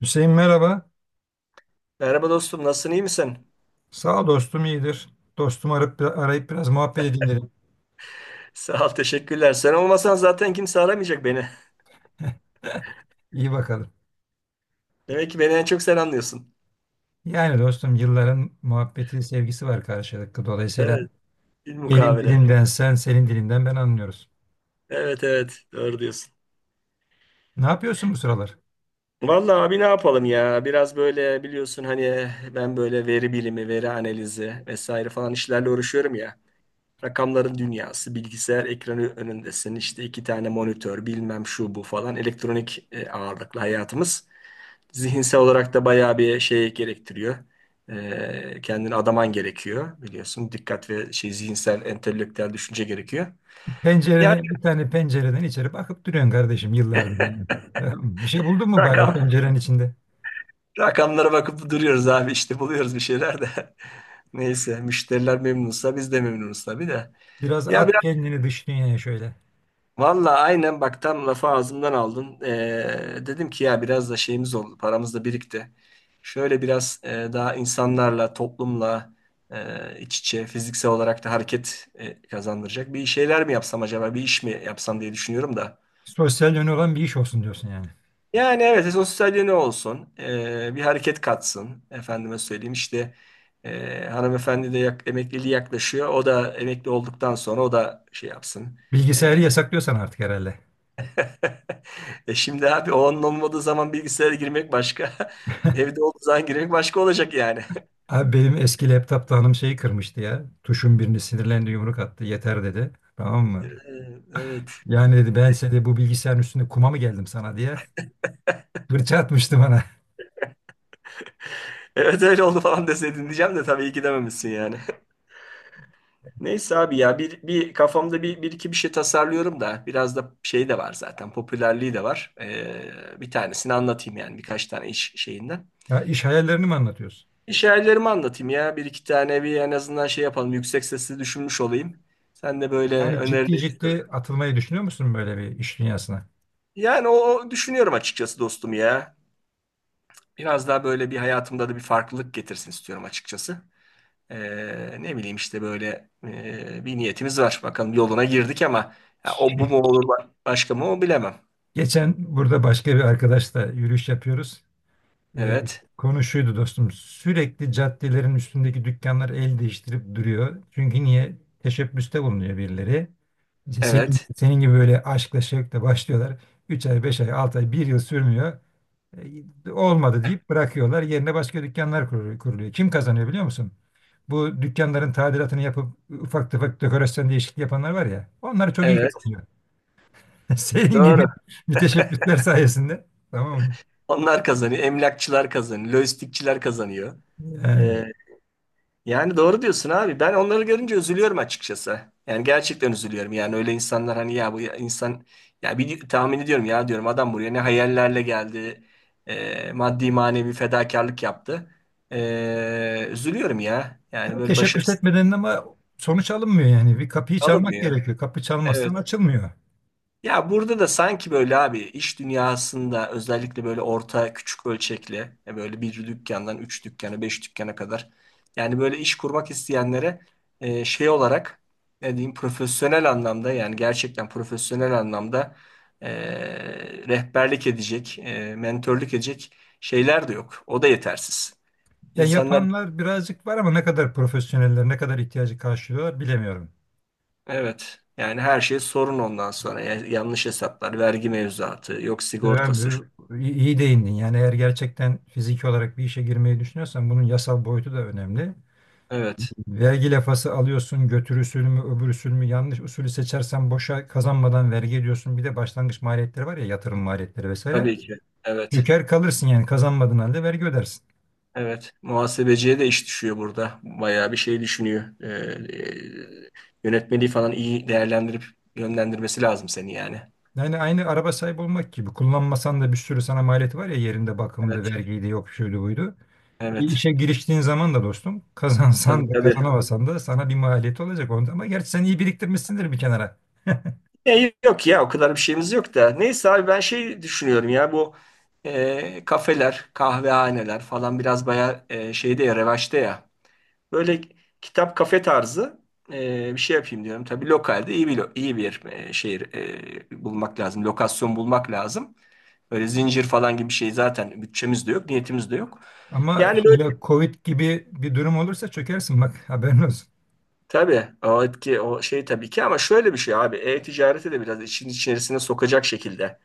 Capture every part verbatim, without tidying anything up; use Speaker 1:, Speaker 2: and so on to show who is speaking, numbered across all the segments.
Speaker 1: Hüseyin merhaba.
Speaker 2: Merhaba dostum, nasılsın, iyi misin?
Speaker 1: Sağ ol dostum iyidir. Dostumu arayıp, arayıp biraz muhabbet edeyim dedim.
Speaker 2: Sağ ol, teşekkürler. Sen olmasan zaten kimse aramayacak beni.
Speaker 1: İyi bakalım.
Speaker 2: Demek ki beni en çok sen anlıyorsun.
Speaker 1: Yani dostum yılların muhabbeti, sevgisi var karşılıklı. Dolayısıyla
Speaker 2: Evet, bir
Speaker 1: benim
Speaker 2: mukabele.
Speaker 1: dilimden sen, senin dilinden ben anlıyoruz.
Speaker 2: Evet, evet, doğru diyorsun.
Speaker 1: Ne yapıyorsun bu sıralar?
Speaker 2: Vallahi abi ne yapalım ya? Biraz böyle biliyorsun hani eh, ben böyle veri bilimi, veri analizi vesaire falan işlerle uğraşıyorum ya. Rakamların dünyası, bilgisayar ekranı önündesin, işte iki tane monitör, bilmem şu bu falan elektronik e, ağırlıklı hayatımız. Zihinsel olarak da bayağı bir şey gerektiriyor. Ee, kendini adaman gerekiyor biliyorsun. Dikkat ve şey zihinsel, entelektüel düşünce gerekiyor. Yani
Speaker 1: Pencere, bir tane pencereden içeri bakıp duruyorsun kardeşim yıllardır yani. Tamam. Bir şey buldun mu bari o
Speaker 2: rakam,
Speaker 1: pencerenin içinde?
Speaker 2: rakamlara bakıp duruyoruz abi işte buluyoruz bir şeyler de. Neyse müşteriler memnunsa biz de memnunuz tabii de.
Speaker 1: Biraz
Speaker 2: Ya
Speaker 1: at kendini dış dünyaya şöyle.
Speaker 2: valla aynen bak tam lafı ağzımdan aldın. Ee, dedim ki ya biraz da şeyimiz oldu, paramız da birikti. Şöyle biraz e, daha insanlarla, toplumla e, iç içe, fiziksel olarak da hareket e, kazandıracak bir şeyler mi yapsam acaba, bir iş mi yapsam diye düşünüyorum da.
Speaker 1: Sosyal yönü olan bir iş olsun diyorsun yani.
Speaker 2: Yani evet, sosyalliği ne olsun, Ee, bir hareket katsın. Efendime söyleyeyim işte e, hanımefendi de yak, emekliliği yaklaşıyor. O da emekli olduktan sonra o da şey yapsın.
Speaker 1: Bilgisayarı
Speaker 2: e,
Speaker 1: yasaklıyorsan artık herhalde.
Speaker 2: E şimdi abi o onun olmadığı zaman bilgisayara girmek başka. Evde olduğu zaman girmek başka olacak yani.
Speaker 1: Abi benim eski laptopta hanım şeyi kırmıştı ya. Tuşun birini sinirlendi yumruk attı. Yeter dedi. Tamam mı?
Speaker 2: Ee, Evet.
Speaker 1: Yani dedi ben size de bu bilgisayarın üstünde kuma mı geldim sana diye. Fırça atmıştı bana.
Speaker 2: Evet öyle oldu falan deseydin diyeceğim de tabii iyi ki dememişsin yani. Neyse abi ya bir, bir kafamda bir, bir iki bir şey tasarlıyorum da biraz da şey de var zaten popülerliği de var. Ee, bir tanesini anlatayım yani birkaç tane iş şeyinden.
Speaker 1: Ya iş hayallerini mi anlatıyorsun?
Speaker 2: İş Anlatayım ya bir iki tane bir en azından şey yapalım yüksek sesli düşünmüş olayım. Sen de böyle
Speaker 1: Yani ciddi
Speaker 2: önerilerini söyle.
Speaker 1: ciddi atılmayı düşünüyor musun böyle bir iş dünyasına?
Speaker 2: Yani o o düşünüyorum açıkçası dostum ya. Biraz daha böyle bir hayatımda da bir farklılık getirsin istiyorum açıkçası. Ee, ne bileyim işte böyle e, bir niyetimiz var. Bakalım yoluna girdik ama ya o bu mu olur başka mı o bilemem.
Speaker 1: Geçen burada başka bir arkadaşla yürüyüş yapıyoruz. E,
Speaker 2: Evet,
Speaker 1: konu şuydu dostum. Sürekli caddelerin üstündeki dükkanlar el değiştirip duruyor. Çünkü niye? Teşebbüste bulunuyor birileri. İşte senin,
Speaker 2: evet,
Speaker 1: senin gibi böyle aşkla şevkle başlıyorlar. Üç ay, beş ay, altı ay, bir yıl sürmüyor. E, olmadı deyip bırakıyorlar. Yerine başka dükkanlar kurulu- kuruluyor. Kim kazanıyor biliyor musun? Bu dükkanların tadilatını yapıp ufak tefek dekorasyon değişikliği yapanlar var ya. Onlar çok iyi
Speaker 2: evet.
Speaker 1: kazanıyor. Senin
Speaker 2: Doğru.
Speaker 1: gibi müteşebbisler sayesinde. Tamam mı?
Speaker 2: Onlar kazanıyor. Emlakçılar kazanıyor. Lojistikçiler kazanıyor.
Speaker 1: Yani.
Speaker 2: Ee, Yani doğru diyorsun abi. Ben onları görünce üzülüyorum açıkçası. Yani gerçekten üzülüyorum. Yani öyle insanlar hani ya bu ya- insan ya bir tahmin ediyorum ya diyorum adam buraya ne hayallerle geldi. E, maddi manevi fedakarlık yaptı. E, üzülüyorum ya. Yani
Speaker 1: Ya
Speaker 2: böyle
Speaker 1: teşebbüs
Speaker 2: başarısız
Speaker 1: etmeden ama sonuç alınmıyor yani. Bir kapıyı çalmak
Speaker 2: alınmıyor.
Speaker 1: gerekiyor. Kapı çalmazsan
Speaker 2: Evet.
Speaker 1: açılmıyor.
Speaker 2: Ya burada da sanki böyle abi iş dünyasında özellikle böyle orta küçük ölçekli e, böyle bir dükkandan üç dükkana beş dükkana kadar yani böyle iş kurmak isteyenlere e, şey olarak ne diyeyim profesyonel anlamda yani gerçekten profesyonel anlamda e, rehberlik edecek e, mentörlük edecek şeyler de yok. O da yetersiz.
Speaker 1: Yani
Speaker 2: İnsanlar
Speaker 1: yapanlar birazcık var ama ne kadar profesyoneller, ne kadar ihtiyacı karşılıyorlar bilemiyorum.
Speaker 2: evet yani her şey sorun ondan sonra Ya- yanlış hesaplar vergi mevzuatı yok
Speaker 1: Ben
Speaker 2: sigortası
Speaker 1: bu- iyi iyi değindin. Yani eğer gerçekten fiziki olarak bir işe girmeyi düşünüyorsan bunun yasal boyutu da önemli.
Speaker 2: evet.
Speaker 1: Vergi lafası alıyorsun, götür usulü mü, öbür usul mü, yanlış usulü seçersen boşa kazanmadan vergi ediyorsun. Bir de başlangıç maliyetleri var ya yatırım maliyetleri vesaire.
Speaker 2: Tabii ki. Evet.
Speaker 1: Yüker kalırsın yani kazanmadığın halde vergi ödersin.
Speaker 2: Evet. Muhasebeciye de iş düşüyor burada. Bayağı bir şey düşünüyor. Ee, e, Yönetmeliği falan iyi değerlendirip yönlendirmesi lazım seni yani.
Speaker 1: Yani aynı araba sahibi olmak gibi. Kullanmasan da bir sürü sana maliyeti var ya yerinde bakımdı,
Speaker 2: Evet.
Speaker 1: vergiydi, yok şuydu buydu. Bir
Speaker 2: Evet.
Speaker 1: işe giriştiğin zaman da dostum
Speaker 2: Tabii
Speaker 1: kazansan da
Speaker 2: tabii.
Speaker 1: kazanamasan da sana bir maliyeti olacak onda. Ama gerçi sen iyi biriktirmişsindir bir kenara.
Speaker 2: E, yok ya o kadar bir şeyimiz yok da. Neyse abi ben şey düşünüyorum ya bu e, kafeler, kahvehaneler falan biraz bayağı e, şeyde ya revaçta ya. Böyle kitap kafe tarzı e, bir şey yapayım diyorum. Tabii lokalde iyi bir lo- iyi bir e, şehir e, bulmak lazım. Lokasyon bulmak lazım. Böyle zincir falan gibi bir şey zaten bütçemiz de yok, niyetimiz de yok.
Speaker 1: Ama
Speaker 2: Yani böyle
Speaker 1: şöyle Covid gibi bir durum olursa çökersin bak haberin olsun.
Speaker 2: tabii o etki o şey tabii ki ama şöyle bir şey abi e-ticareti de biraz işin içerisine sokacak şekilde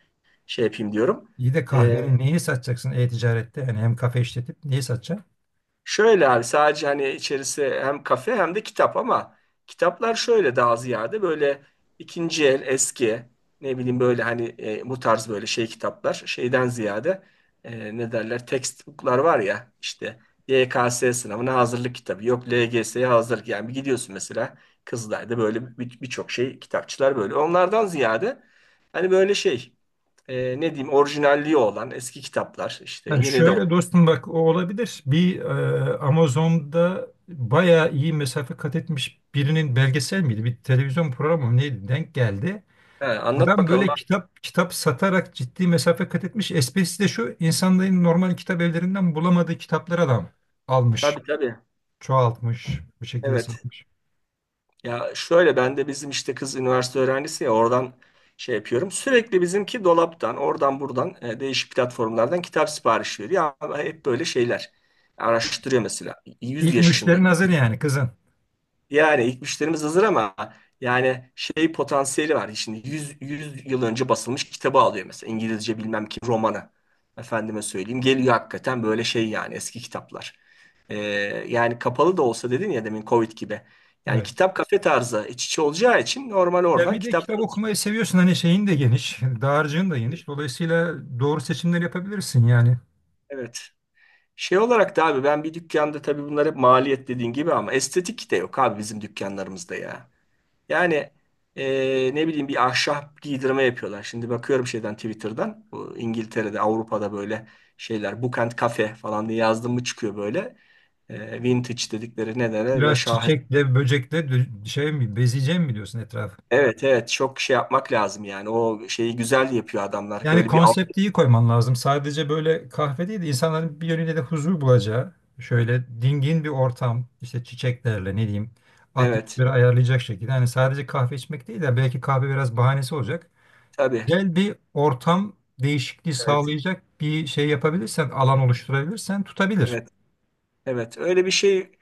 Speaker 2: şey yapayım diyorum.
Speaker 1: İyi de kahvenin neyi satacaksın e-ticarette? Yani hem kafe işletip neyi satacaksın?
Speaker 2: Şöyle abi sadece hani içerisi hem kafe hem de kitap ama kitaplar şöyle daha ziyade böyle ikinci el eski ne bileyim böyle hani e, bu tarz böyle şey kitaplar şeyden ziyade e, ne derler textbooklar var ya işte Y K S sınavına hazırlık kitabı yok L G S'ye hazırlık yani bir gidiyorsun mesela Kızılay'da böyle bir- birçok şey kitapçılar böyle onlardan ziyade hani böyle şey e, ne diyeyim orijinalliği olan eski kitaplar işte
Speaker 1: Ha,
Speaker 2: yeni de olan.
Speaker 1: şöyle dostum bak o olabilir. Bir e, Amazon'da bayağı iyi mesafe kat etmiş birinin belgesel miydi? Bir televizyon programı mı neydi? Denk geldi.
Speaker 2: Ha, anlat
Speaker 1: Adam
Speaker 2: bakalım
Speaker 1: böyle
Speaker 2: abi.
Speaker 1: kitap kitap satarak ciddi mesafe kat etmiş. Esprisi de şu insanların normal kitap evlerinden bulamadığı kitapları adam almış,
Speaker 2: Tabii tabii.
Speaker 1: çoğaltmış, bu şekilde
Speaker 2: Evet.
Speaker 1: satmış.
Speaker 2: Ya şöyle ben de bizim işte kız üniversite öğrencisi ya oradan şey yapıyorum. Sürekli bizimki dolaptan, oradan buradan e, değişik platformlardan kitap sipariş veriyor. Ya hep böyle şeyler. Araştırıyor mesela. Yüz
Speaker 1: İlk
Speaker 2: yaşında
Speaker 1: müşterin hazır yani kızın.
Speaker 2: yani ilk müşterimiz hazır ama yani şey potansiyeli var. Şimdi yüz yüz yıl önce basılmış kitabı alıyor mesela İngilizce bilmem ki romanı. Efendime söyleyeyim geliyor hakikaten böyle şey yani eski kitaplar. Ee, Yani kapalı da olsa dedin ya demin Covid gibi. Yani
Speaker 1: Evet.
Speaker 2: kitap kafe tarzı iç içe olacağı için normal
Speaker 1: Sen
Speaker 2: oradan
Speaker 1: bir de
Speaker 2: kitap
Speaker 1: kitap
Speaker 2: satıyor.
Speaker 1: okumayı seviyorsun hani şeyin de geniş, dağarcığın da geniş. Dolayısıyla doğru seçimler yapabilirsin yani.
Speaker 2: Evet. Şey olarak da abi ben bir dükkanda tabii bunlar hep maliyet dediğin gibi ama estetik de yok abi bizim dükkanlarımızda ya. Yani e, ne bileyim bir ahşap giydirme yapıyorlar. Şimdi bakıyorum şeyden Twitter'dan. Bu İngiltere'de, Avrupa'da böyle şeyler Book and Cafe falan diye yazdım mı çıkıyor böyle. E, vintage dedikleri ne derler böyle
Speaker 1: Biraz
Speaker 2: şahes.
Speaker 1: çiçekle, böcekle dö- şey mi, bezeyeceğim mi diyorsun etrafı?
Speaker 2: Evet evet çok şey yapmak lazım yani. O şeyi güzel yapıyor adamlar.
Speaker 1: Yani
Speaker 2: Böyle bir alt.
Speaker 1: konsepti iyi koyman lazım. Sadece böyle kahve değil de insanların bir yönüyle de huzur bulacağı, şöyle dingin bir ortam, işte çiçeklerle ne diyeyim,
Speaker 2: Evet
Speaker 1: atmosferi ayarlayacak şekilde. Yani sadece kahve içmek değil de belki kahve biraz bahanesi olacak.
Speaker 2: tabii.
Speaker 1: Güzel bir ortam değişikliği
Speaker 2: Evet,
Speaker 1: sağlayacak bir şey yapabilirsen, alan oluşturabilirsen tutabilir.
Speaker 2: evet, evet, öyle bir şey.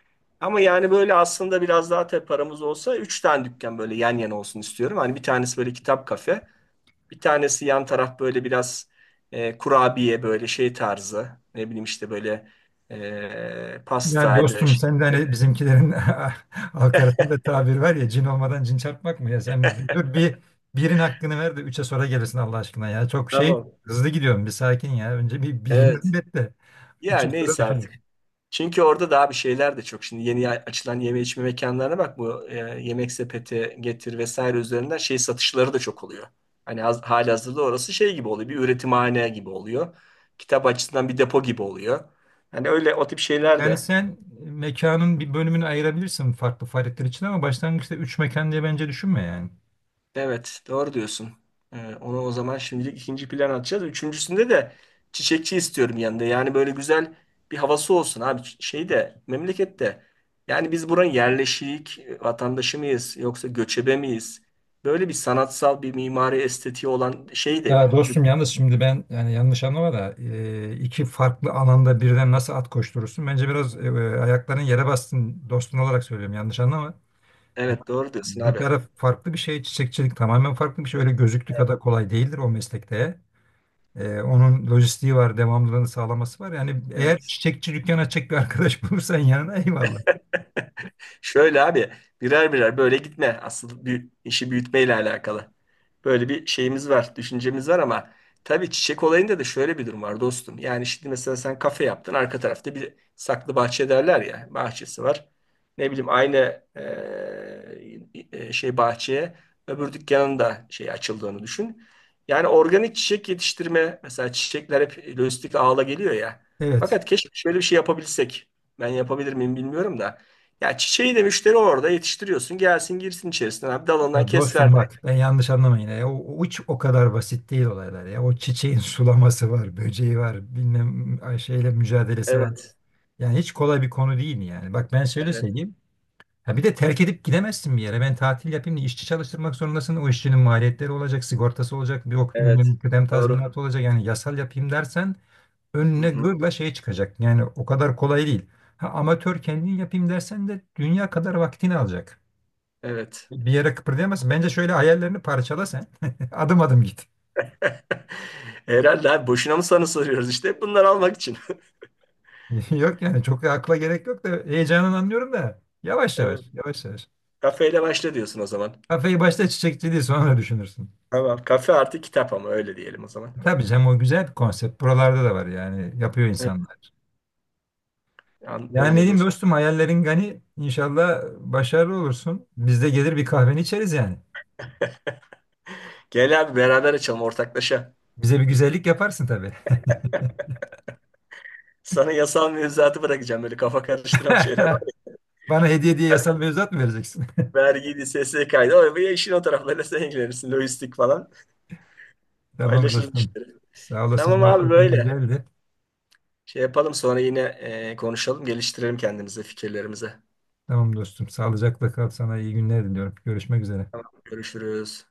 Speaker 2: Ama yani böyle aslında biraz daha tabii paramız olsa üç tane dükkan böyle yan yana olsun istiyorum. Hani bir tanesi böyle kitap kafe. Bir tanesi yan taraf böyle biraz e, kurabiye böyle şey tarzı. Ne bileyim işte böyle e,
Speaker 1: Yani
Speaker 2: pastaydı.
Speaker 1: dostum sen de
Speaker 2: Işte.
Speaker 1: hani bizimkilerin halk arasında tabir var ya cin olmadan cin çarpmak mı ya sen bir dur bir birin hakkını ver de üçe sonra gelirsin Allah aşkına ya çok şey
Speaker 2: Tamam.
Speaker 1: hızlı gidiyorum bir sakin ya önce bir birinden
Speaker 2: Evet.
Speaker 1: bet de
Speaker 2: Ya
Speaker 1: üçü sonra
Speaker 2: neyse artık.
Speaker 1: düşünürüz.
Speaker 2: Çünkü orada daha bir şeyler de çok. Şimdi yeni açılan yeme içme mekanlarına bak bu e, yemek sepeti getir vesaire üzerinden şey satışları da çok oluyor. Hani haz- halihazırda orası şey gibi oluyor. Bir üretimhane gibi oluyor. Kitap açısından bir depo gibi oluyor. Hani öyle o tip şeyler
Speaker 1: Yani
Speaker 2: de
Speaker 1: sen mekanın bir bölümünü ayırabilirsin farklı faaliyetler için ama başlangıçta üç mekan diye bence düşünme yani.
Speaker 2: evet, doğru diyorsun. Ee, onu o zaman şimdilik ikinci plan atacağız. Üçüncüsünde de çiçekçi istiyorum yanında. Yani böyle güzel bir havası olsun abi. Ç- Şeyde, memlekette. Yani biz buranın yerleşik e, vatandaşı mıyız yoksa göçebe miyiz? Böyle bir sanatsal bir mimari estetiği olan şey de
Speaker 1: Ya
Speaker 2: yok. Dük-
Speaker 1: dostum yalnız şimdi ben yani yanlış anlama da e, iki farklı alanda birden nasıl at koşturursun? Bence biraz e, ayakların yere bastın dostun olarak söylüyorum yanlış anlama. Ya,
Speaker 2: Evet, doğru diyorsun
Speaker 1: bir
Speaker 2: abi.
Speaker 1: taraf farklı bir şey, çiçekçilik tamamen farklı bir şey. Öyle gözüktüğü kadar kolay değildir o meslekte. Ee, onun lojistiği var, devamlılığını sağlaması var. Yani eğer
Speaker 2: Evet.
Speaker 1: çiçekçi dükkan açacak bir arkadaş bulursan yanına eyvallah.
Speaker 2: Şöyle abi birer birer böyle gitme. Asıl büyü- işi büyütmeyle alakalı. Böyle bir şeyimiz var, düşüncemiz var ama tabii çiçek olayında da şöyle bir durum var dostum. Yani şimdi mesela sen kafe yaptın, arka tarafta bir saklı bahçe derler ya, bahçesi var. Ne bileyim aynı eee, e, şey bahçeye öbür dükkanın da şey açıldığını düşün. Yani organik çiçek yetiştirme mesela çiçekler hep lojistik ağla geliyor ya.
Speaker 1: Evet.
Speaker 2: Fakat keşke şöyle bir şey yapabilsek. Ben yapabilir miyim bilmiyorum da. Ya çiçeği de müşteri orada yetiştiriyorsun. Gelsin girsin içerisine abi. Dalından
Speaker 1: Ya
Speaker 2: kes
Speaker 1: dostum
Speaker 2: ver
Speaker 1: bak
Speaker 2: direkt.
Speaker 1: ben yanlış anlamayın. Ya. O, o hiç o kadar basit değil olaylar ya. O çiçeğin sulaması var, böceği var, bilmem ay, şeyle mücadelesi var.
Speaker 2: Evet.
Speaker 1: Yani hiç kolay bir konu değil yani. Bak ben şöyle
Speaker 2: Evet.
Speaker 1: söyleyeyim. Ya bir de terk edip gidemezsin bir yere. Ben tatil yapayım diye işçi çalıştırmak zorundasın. O işçinin maliyetleri olacak, sigortası olacak, bir ok
Speaker 2: Evet.
Speaker 1: bilmem kıdem
Speaker 2: Doğru.
Speaker 1: tazminatı olacak. Yani yasal yapayım dersen önüne
Speaker 2: Hı-hı.
Speaker 1: gırla şey çıkacak. Yani o kadar kolay değil. Ha, amatör kendin yapayım dersen de dünya kadar vaktini alacak.
Speaker 2: Evet.
Speaker 1: Bir yere kıpırdayamazsın. Bence şöyle hayallerini parçala sen. Adım adım git.
Speaker 2: Herhalde abi boşuna mı sana soruyoruz işte. Bunları almak için.
Speaker 1: Yok yani çok da akla gerek yok da heyecanını anlıyorum da. Yavaş
Speaker 2: Evet.
Speaker 1: yavaş, yavaş yavaş.
Speaker 2: Kafeyle başla diyorsun o zaman.
Speaker 1: Kafayı başta çiçekçiliği sonra düşünürsün.
Speaker 2: Tamam. Kafe artı kitap ama öyle diyelim o zaman.
Speaker 1: Tabii canım o güzel bir konsept. Buralarda da var yani yapıyor
Speaker 2: Evet.
Speaker 1: insanlar.
Speaker 2: An-
Speaker 1: Yani ne
Speaker 2: Öyle
Speaker 1: diyeyim
Speaker 2: dostum.
Speaker 1: dostum hayallerin gani inşallah başarılı olursun. Biz de gelir bir kahveni içeriz yani.
Speaker 2: Gel abi beraber açalım ortaklaşa.
Speaker 1: Bize bir güzellik yaparsın tabii.
Speaker 2: Sana yasal mevzuatı bırakacağım böyle kafa karıştıran şeyler.
Speaker 1: Bana hediye diye yasal mevzuat mı vereceksin?
Speaker 2: Vergiydi, S S K'ydı. O ya işin o taraflarıyla sen ilgilenirsin. Lojistik falan.
Speaker 1: Tamam
Speaker 2: Paylaşırız
Speaker 1: dostum.
Speaker 2: işte.
Speaker 1: Sağ olasın
Speaker 2: Tamam abi
Speaker 1: muhabbetin
Speaker 2: böyle.
Speaker 1: güzeldi.
Speaker 2: Şey yapalım sonra yine e, konuşalım, geliştirelim kendimize, fikirlerimize.
Speaker 1: Tamam dostum sağlıcakla kal sana iyi günler diliyorum. Görüşmek üzere.
Speaker 2: Tamam. Görüşürüz.